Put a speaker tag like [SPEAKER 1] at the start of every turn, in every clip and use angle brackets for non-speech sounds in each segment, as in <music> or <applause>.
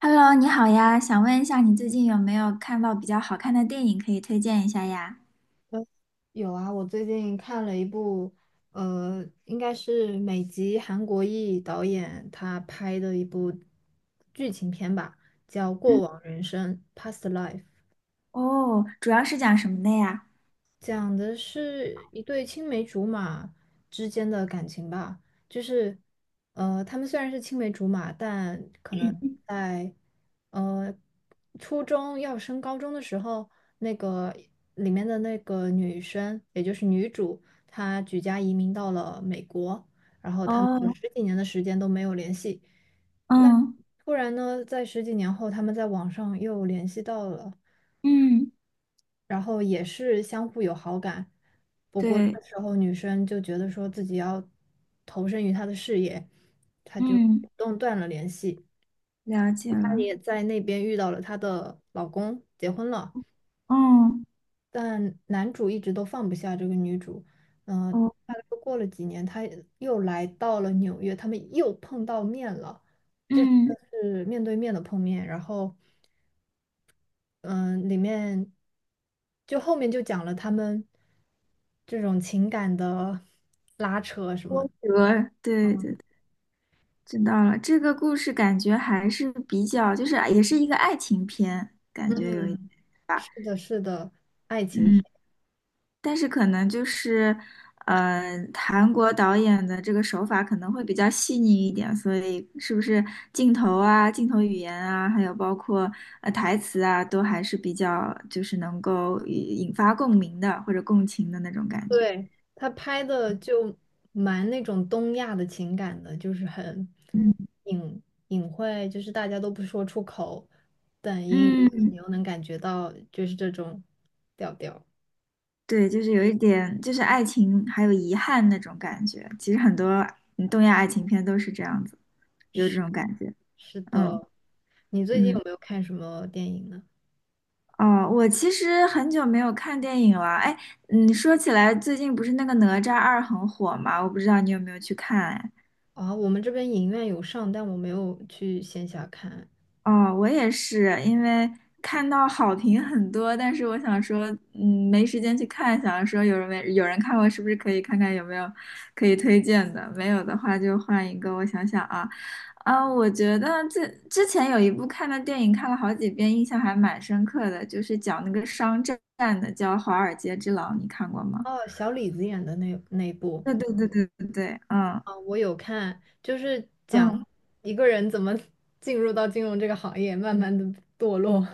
[SPEAKER 1] Hello，你好呀，想问一下你最近有没有看到比较好看的电影可以推荐一下呀？
[SPEAKER 2] 有啊，我最近看了一部，应该是美籍韩国裔导演他拍的一部剧情片吧，叫《过
[SPEAKER 1] 嗯。
[SPEAKER 2] 往人生》（Past Life）。
[SPEAKER 1] 哦，主要是讲什么的呀？
[SPEAKER 2] 讲的是一对青梅竹马之间的感情吧，就是，他们虽然是青梅竹马，但可能在，呃，初中要升高中的时候，那个里面的那个女生，也就是女主，她举家移民到了美国，然后他们有
[SPEAKER 1] 哦，
[SPEAKER 2] 十几年的时间都没有联系，那
[SPEAKER 1] 嗯
[SPEAKER 2] 突然呢，在十几年后，他们在网上又联系到了。
[SPEAKER 1] 嗯，
[SPEAKER 2] 然后也是相互有好感。不过这
[SPEAKER 1] 对。
[SPEAKER 2] 个时候女生就觉得说自己要投身于他的事业，她就
[SPEAKER 1] 嗯，
[SPEAKER 2] 主动断了联系。
[SPEAKER 1] 了解
[SPEAKER 2] 她
[SPEAKER 1] 了。
[SPEAKER 2] 也在那边遇到了她的老公，结婚了，
[SPEAKER 1] 嗯。
[SPEAKER 2] 但男主一直都放不下这个女主。嗯、
[SPEAKER 1] 哦。
[SPEAKER 2] 大概过了几年，他又来到了纽约，他们又碰到面了。这次
[SPEAKER 1] 嗯。
[SPEAKER 2] 是面对面的碰面，然后。嗯，里面就后面就讲了他们这种情感的拉扯什么。
[SPEAKER 1] 波折，对对，对，知道了。这个故事感觉还是比较，就是也是一个爱情片，感觉有一，
[SPEAKER 2] 嗯，是的，是的，爱情片。
[SPEAKER 1] 嗯。但是可能就是，呃，韩国导演的这个手法可能会比较细腻一点，所以是不是镜头啊、镜头语言啊，还有包括台词啊，都还是比较就是能够引发共鸣的或者共情的那种感觉。
[SPEAKER 2] 对，他拍的就蛮那种东亚的情感的，就是很
[SPEAKER 1] 嗯。
[SPEAKER 2] 隐晦，就是大家都不说出口，但英语你
[SPEAKER 1] 嗯，
[SPEAKER 2] 又能感觉到，就是这种调调。
[SPEAKER 1] 对，就是有一点就是爱情还有遗憾那种感觉。其实很多嗯东亚爱情片都是这样子，有这
[SPEAKER 2] 是
[SPEAKER 1] 种感觉。
[SPEAKER 2] 是
[SPEAKER 1] 嗯。
[SPEAKER 2] 的，你最近
[SPEAKER 1] 嗯。
[SPEAKER 2] 有没有看什么电影呢？
[SPEAKER 1] 哦，我其实很久没有看电影了。哎，嗯，说起来，最近不是那个《哪吒二》很火吗？我不知道你有没有去看哎。
[SPEAKER 2] 啊，我们这边影院有上，但我没有去线下看。
[SPEAKER 1] 哦，我也是，因为看到好评很多，但是我想说，嗯，没时间去看，想说没有人看过，是不是可以看看有没有可以推荐的？没有的话就换一个。我想想啊。啊，我觉得这之前有一部看的电影，看了好几遍，印象还蛮深刻的，就是讲那个商战的，叫《华尔街之狼》，你看过吗？
[SPEAKER 2] 哦，小李子演的那部
[SPEAKER 1] 对对对对对对，嗯。
[SPEAKER 2] 啊，我有看，就是讲
[SPEAKER 1] 嗯。
[SPEAKER 2] 一个人怎么 <laughs> 进入到金融这个行业，慢慢的堕落。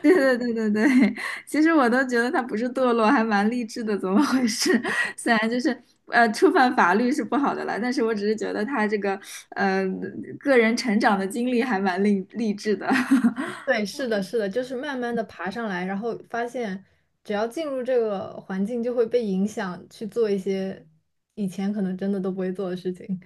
[SPEAKER 1] <laughs> 对对对对对。<laughs> 其实我都觉得他不是堕落，还蛮励志的，怎么回事？<laughs> 虽然就是触犯法律是不好的了，但是我只是觉得他这个呃个人成长的经历还蛮励志的。<laughs>
[SPEAKER 2] 对，是的，是的，就是慢慢的爬上来，然后发现只要进入这个环境，就会被影响去做一些以前可能真的都不会做的事情。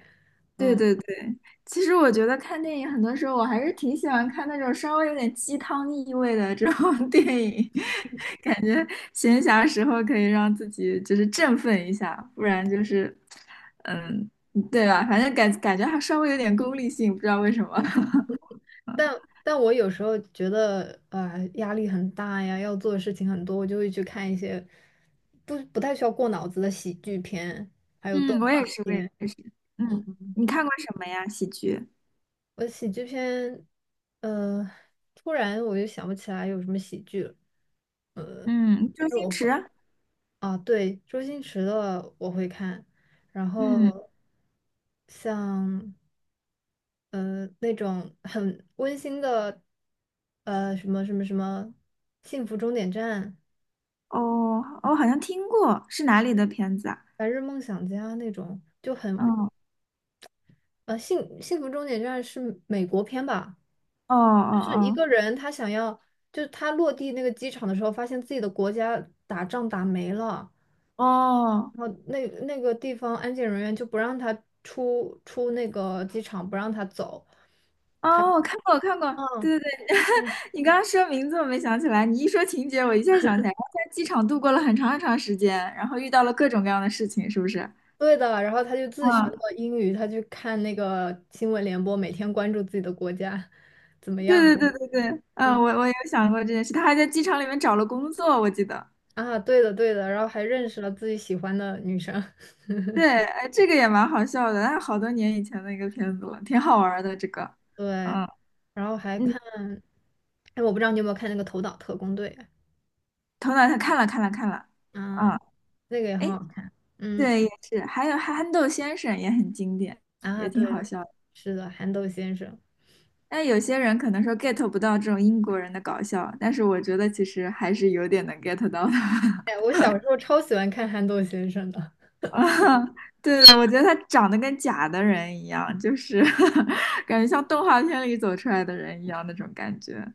[SPEAKER 1] 对对对。其实我觉得看电影很多时候我还是挺喜欢看那种稍微有点鸡汤意味的这种 <laughs> 电影，<laughs> 感觉闲暇时候可以让自己就是振奋一下，不然就是，嗯，对吧？反正感觉还稍微有点功利性，不知道为什么。<laughs>
[SPEAKER 2] 但我有时候觉得，压力很大呀，要做的事情很多，我就会去看一些不太需要过脑子的喜剧片，还有动
[SPEAKER 1] 嗯，我
[SPEAKER 2] 画
[SPEAKER 1] 也是，我也
[SPEAKER 2] 片。
[SPEAKER 1] 是。嗯，你看过什么呀？喜剧？
[SPEAKER 2] 我喜剧片，呃，突然我就想不起来有什么喜剧了，
[SPEAKER 1] 嗯，周
[SPEAKER 2] 但是我
[SPEAKER 1] 星
[SPEAKER 2] 会
[SPEAKER 1] 驰。
[SPEAKER 2] 啊，对，周星驰的我会看，然
[SPEAKER 1] 嗯。
[SPEAKER 2] 后像那种很温馨的，呃什么什么什么《幸福终点站》。
[SPEAKER 1] 哦，我好像听过，是哪里的片子啊？
[SPEAKER 2] 白日梦想家那种就很
[SPEAKER 1] 哦
[SPEAKER 2] 幸福终点站是美国片吧？
[SPEAKER 1] 哦
[SPEAKER 2] 就是一
[SPEAKER 1] 哦
[SPEAKER 2] 个人他想要，就是他落地那个机场的时候，发现自己的国家打仗打没了，
[SPEAKER 1] 哦。哦。
[SPEAKER 2] 然后那那个地方安检人员就不让他出那个机场，不让他走。
[SPEAKER 1] 哦，我看过，我看过。
[SPEAKER 2] 嗯
[SPEAKER 1] 对对对。
[SPEAKER 2] 嗯，
[SPEAKER 1] 你刚刚说名字我没想起来，你一说情节我一下想起来，他在机场度过了很长很长时间，然后遇到了各种各样的事情，是不是？
[SPEAKER 2] 对的。然后他就自学
[SPEAKER 1] 嗯，
[SPEAKER 2] 了英语，他去看那个新闻联播，每天关注自己的国家怎么
[SPEAKER 1] 对
[SPEAKER 2] 样。
[SPEAKER 1] 对对对对。嗯，
[SPEAKER 2] 嗯
[SPEAKER 1] 我有想过这件事，他还在机场里面找了工作，我记得。
[SPEAKER 2] 啊，对的对的，然后还认识了自己喜欢的女生。<laughs>
[SPEAKER 1] 对，哎，这个也蛮好笑的，那好多年以前的一个片子了，挺好玩儿的这个。
[SPEAKER 2] 对，
[SPEAKER 1] 嗯。
[SPEAKER 2] 然后还
[SPEAKER 1] 嗯，
[SPEAKER 2] 看，哎，我不知道你有没有看那个《头脑特工队》
[SPEAKER 1] 头脑他看了，啊。
[SPEAKER 2] 啊，那个也很
[SPEAKER 1] 哎，
[SPEAKER 2] 好看。嗯
[SPEAKER 1] 对，也是，还有憨豆先生也很经典，
[SPEAKER 2] 啊，
[SPEAKER 1] 也挺
[SPEAKER 2] 对
[SPEAKER 1] 好
[SPEAKER 2] 的，
[SPEAKER 1] 笑的。
[SPEAKER 2] 是的，憨豆先生。
[SPEAKER 1] 但有些人可能说 get 不到这种英国人的搞笑，但是我觉得其实还是有点能 get 到的。
[SPEAKER 2] 哎，我小时候超喜欢看憨豆先生的。
[SPEAKER 1] <laughs> 对的，我觉得他长得跟假的人一样，就是 <laughs> 感觉像动画片里走出来的人一样那种感觉。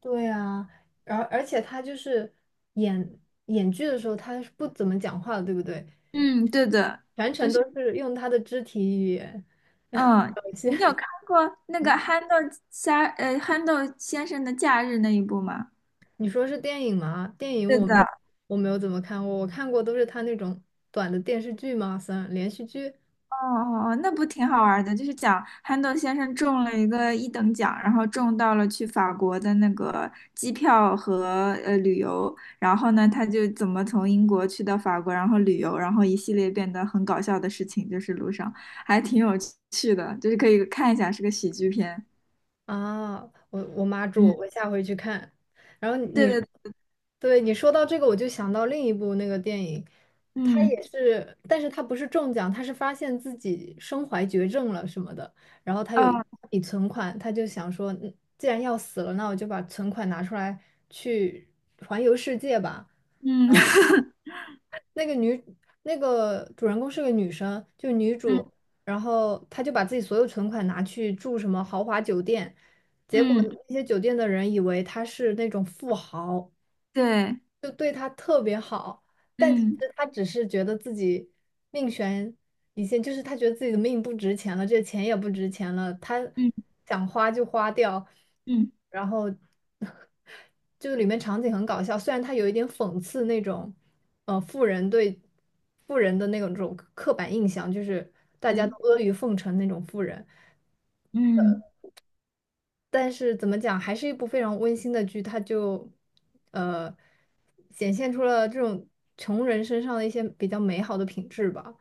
[SPEAKER 2] 对啊，然后而且他就是演演剧的时候，他是不怎么讲话的，对不对？
[SPEAKER 1] 嗯，对的，
[SPEAKER 2] 全
[SPEAKER 1] 就
[SPEAKER 2] 程
[SPEAKER 1] 是
[SPEAKER 2] 都是用他的肢体语言
[SPEAKER 1] 嗯。
[SPEAKER 2] 表
[SPEAKER 1] 你
[SPEAKER 2] 现。
[SPEAKER 1] 有看过那个
[SPEAKER 2] 嗯，
[SPEAKER 1] 憨豆先生的假日那一部吗？
[SPEAKER 2] 你说是电影吗？电影
[SPEAKER 1] 对的。
[SPEAKER 2] 我没有怎么看过，我看过都是他那种短的电视剧嘛，算连续剧。
[SPEAKER 1] 哦哦哦，那不挺好玩儿的？就是讲憨豆先生中了一个一等奖，然后中到了去法国的那个机票和旅游，然后呢，他就怎么从英国去到法国，然后旅游，然后一系列变得很搞笑的事情，就是路上还挺有趣的，就是可以看一下，是个喜剧片。
[SPEAKER 2] 啊，我我妈住，
[SPEAKER 1] 嗯，
[SPEAKER 2] 我下回去看。然后
[SPEAKER 1] 对
[SPEAKER 2] 你，
[SPEAKER 1] 对。
[SPEAKER 2] 对你说到这个，我就想到另一部那个电影，它
[SPEAKER 1] 嗯。
[SPEAKER 2] 也是，但是它不是中奖，它是发现自己身怀绝症了什么的，然后他有一
[SPEAKER 1] 哦。
[SPEAKER 2] 笔存款，他就想说，嗯既然要死了，那我就把存款拿出来去环游世界吧。
[SPEAKER 1] 嗯。 <laughs>
[SPEAKER 2] 那个女那个主人公是个女生，就女
[SPEAKER 1] 嗯。
[SPEAKER 2] 主，然后她就把自己所有存款拿去住什么豪华酒店，结果
[SPEAKER 1] 嗯，
[SPEAKER 2] 那些酒店的人以为她是那种富豪，
[SPEAKER 1] 对。
[SPEAKER 2] 就对他特别好，但其
[SPEAKER 1] 嗯。
[SPEAKER 2] 实他只是觉得自己命悬一线，就是他觉得自己的命不值钱了，这钱也不值钱了，他
[SPEAKER 1] 嗯。
[SPEAKER 2] 想花就花掉，
[SPEAKER 1] 嗯，
[SPEAKER 2] 然后 <laughs> 就里面场景很搞笑，虽然他有一点讽刺那种，富人对富人的那种刻板印象，就是大家
[SPEAKER 1] 对。
[SPEAKER 2] 都阿谀奉承那种富人，
[SPEAKER 1] 嗯，
[SPEAKER 2] 但是怎么讲，还是一部非常温馨的剧，它就呃显现出了这种穷人身上的一些比较美好的品质吧。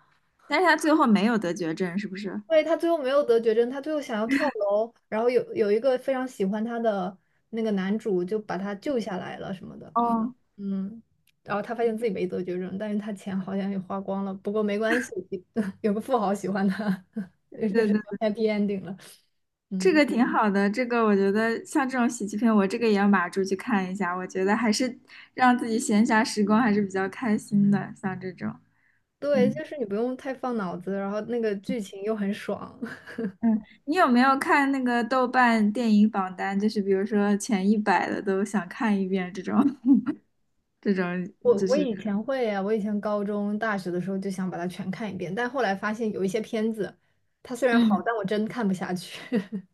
[SPEAKER 1] 但是他最后没有得绝症，是不是？
[SPEAKER 2] 因为他最后没有得绝症，他最后想要跳楼，然后有一个非常喜欢他的那个男主就把他救下来了什么的，
[SPEAKER 1] 哦。
[SPEAKER 2] 嗯，然后他发现自己没得绝症，但是他钱好像也花光了，不过没关系，<laughs> 有个富豪喜欢他，<laughs> 就
[SPEAKER 1] 对
[SPEAKER 2] 是
[SPEAKER 1] 对，
[SPEAKER 2] happy ending 了，
[SPEAKER 1] 这
[SPEAKER 2] 嗯。
[SPEAKER 1] 个挺好的，这个我觉得像这种喜剧片，我这个也要码住去看一下。我觉得还是让自己闲暇时光还是比较开心的，像这种，
[SPEAKER 2] 对，
[SPEAKER 1] 嗯。
[SPEAKER 2] 就是你不用太放脑子，然后那个剧情又很爽。<laughs>
[SPEAKER 1] 嗯。你有没有看那个豆瓣电影榜单？就是比如说前一百的都想看一遍这种，<laughs> 这种
[SPEAKER 2] 我
[SPEAKER 1] 就
[SPEAKER 2] 我
[SPEAKER 1] 是，
[SPEAKER 2] 以前会呀，我以前高中、大学的时候就想把它全看一遍，但后来发现有一些片子，它虽然好，
[SPEAKER 1] 嗯，
[SPEAKER 2] 但我真看不下去 <laughs>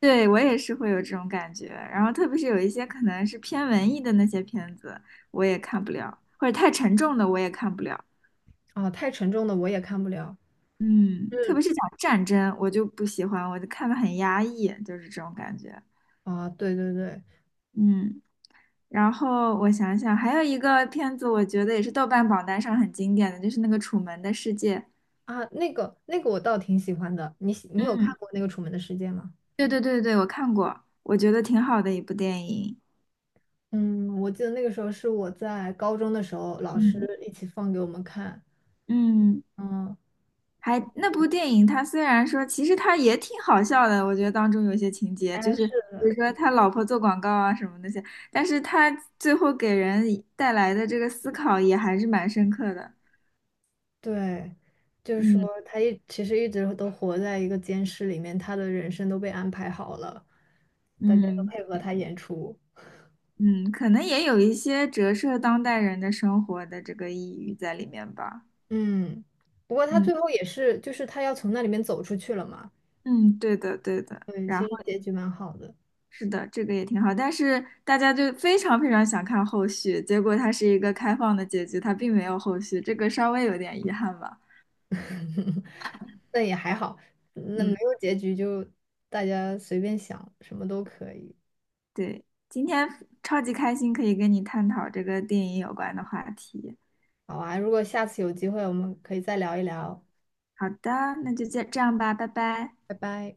[SPEAKER 1] 对，我也是会有这种感觉。然后特别是有一些可能是偏文艺的那些片子，我也看不了，或者太沉重的我也看不了。
[SPEAKER 2] 啊，太沉重的我也看不了。
[SPEAKER 1] 嗯，特
[SPEAKER 2] 嗯，
[SPEAKER 1] 别是讲战争，我就不喜欢，我就看的很压抑，就是这种感觉。
[SPEAKER 2] 啊，对对对，
[SPEAKER 1] 嗯。然后我想想，还有一个片子，我觉得也是豆瓣榜单上很经典的，就是那个《楚门的世界》。
[SPEAKER 2] 啊，那个我倒挺喜欢的，你有
[SPEAKER 1] 嗯，
[SPEAKER 2] 看过那个《楚门的世界》吗？
[SPEAKER 1] 对对对对，我看过，我觉得挺好的一部电影。
[SPEAKER 2] 嗯，我记得那个时候是我在高中的时候，老师
[SPEAKER 1] 嗯。
[SPEAKER 2] 一起放给我们看。
[SPEAKER 1] 嗯，
[SPEAKER 2] 嗯，
[SPEAKER 1] 还那部电影，它虽然说其实它也挺好笑的，我觉得当中有些情节，就
[SPEAKER 2] 哎，
[SPEAKER 1] 是比如
[SPEAKER 2] 是。
[SPEAKER 1] 说他老婆做广告啊什么那些，但是他最后给人带来的这个思考也还是蛮深刻的。
[SPEAKER 2] 对，就是说
[SPEAKER 1] 嗯。
[SPEAKER 2] 其实一直都活在一个监视里面，他的人生都被安排好了，大家都
[SPEAKER 1] 嗯。
[SPEAKER 2] 配合他演出。
[SPEAKER 1] 嗯，可能也有一些折射当代人的生活的这个抑郁在里面吧。
[SPEAKER 2] 嗯，不过他
[SPEAKER 1] 嗯。
[SPEAKER 2] 最后也是，就是他要从那里面走出去了嘛。
[SPEAKER 1] 嗯，对的对的。
[SPEAKER 2] 嗯，
[SPEAKER 1] 然
[SPEAKER 2] 其
[SPEAKER 1] 后
[SPEAKER 2] 实结局蛮好的，
[SPEAKER 1] 是的，这个也挺好，但是大家就非常非常想看后续，结果它是一个开放的结局，它并没有后续，这个稍微有点遗憾吧。
[SPEAKER 2] 但也还好，那没
[SPEAKER 1] 嗯，
[SPEAKER 2] 有结局就大家随便想，什么都可以。
[SPEAKER 1] 对。今天超级开心，可以跟你探讨这个电影有关的话题。
[SPEAKER 2] 好啊，如果下次有机会，我们可以再聊一聊。
[SPEAKER 1] 好的，那就这样吧，拜拜。
[SPEAKER 2] 拜拜。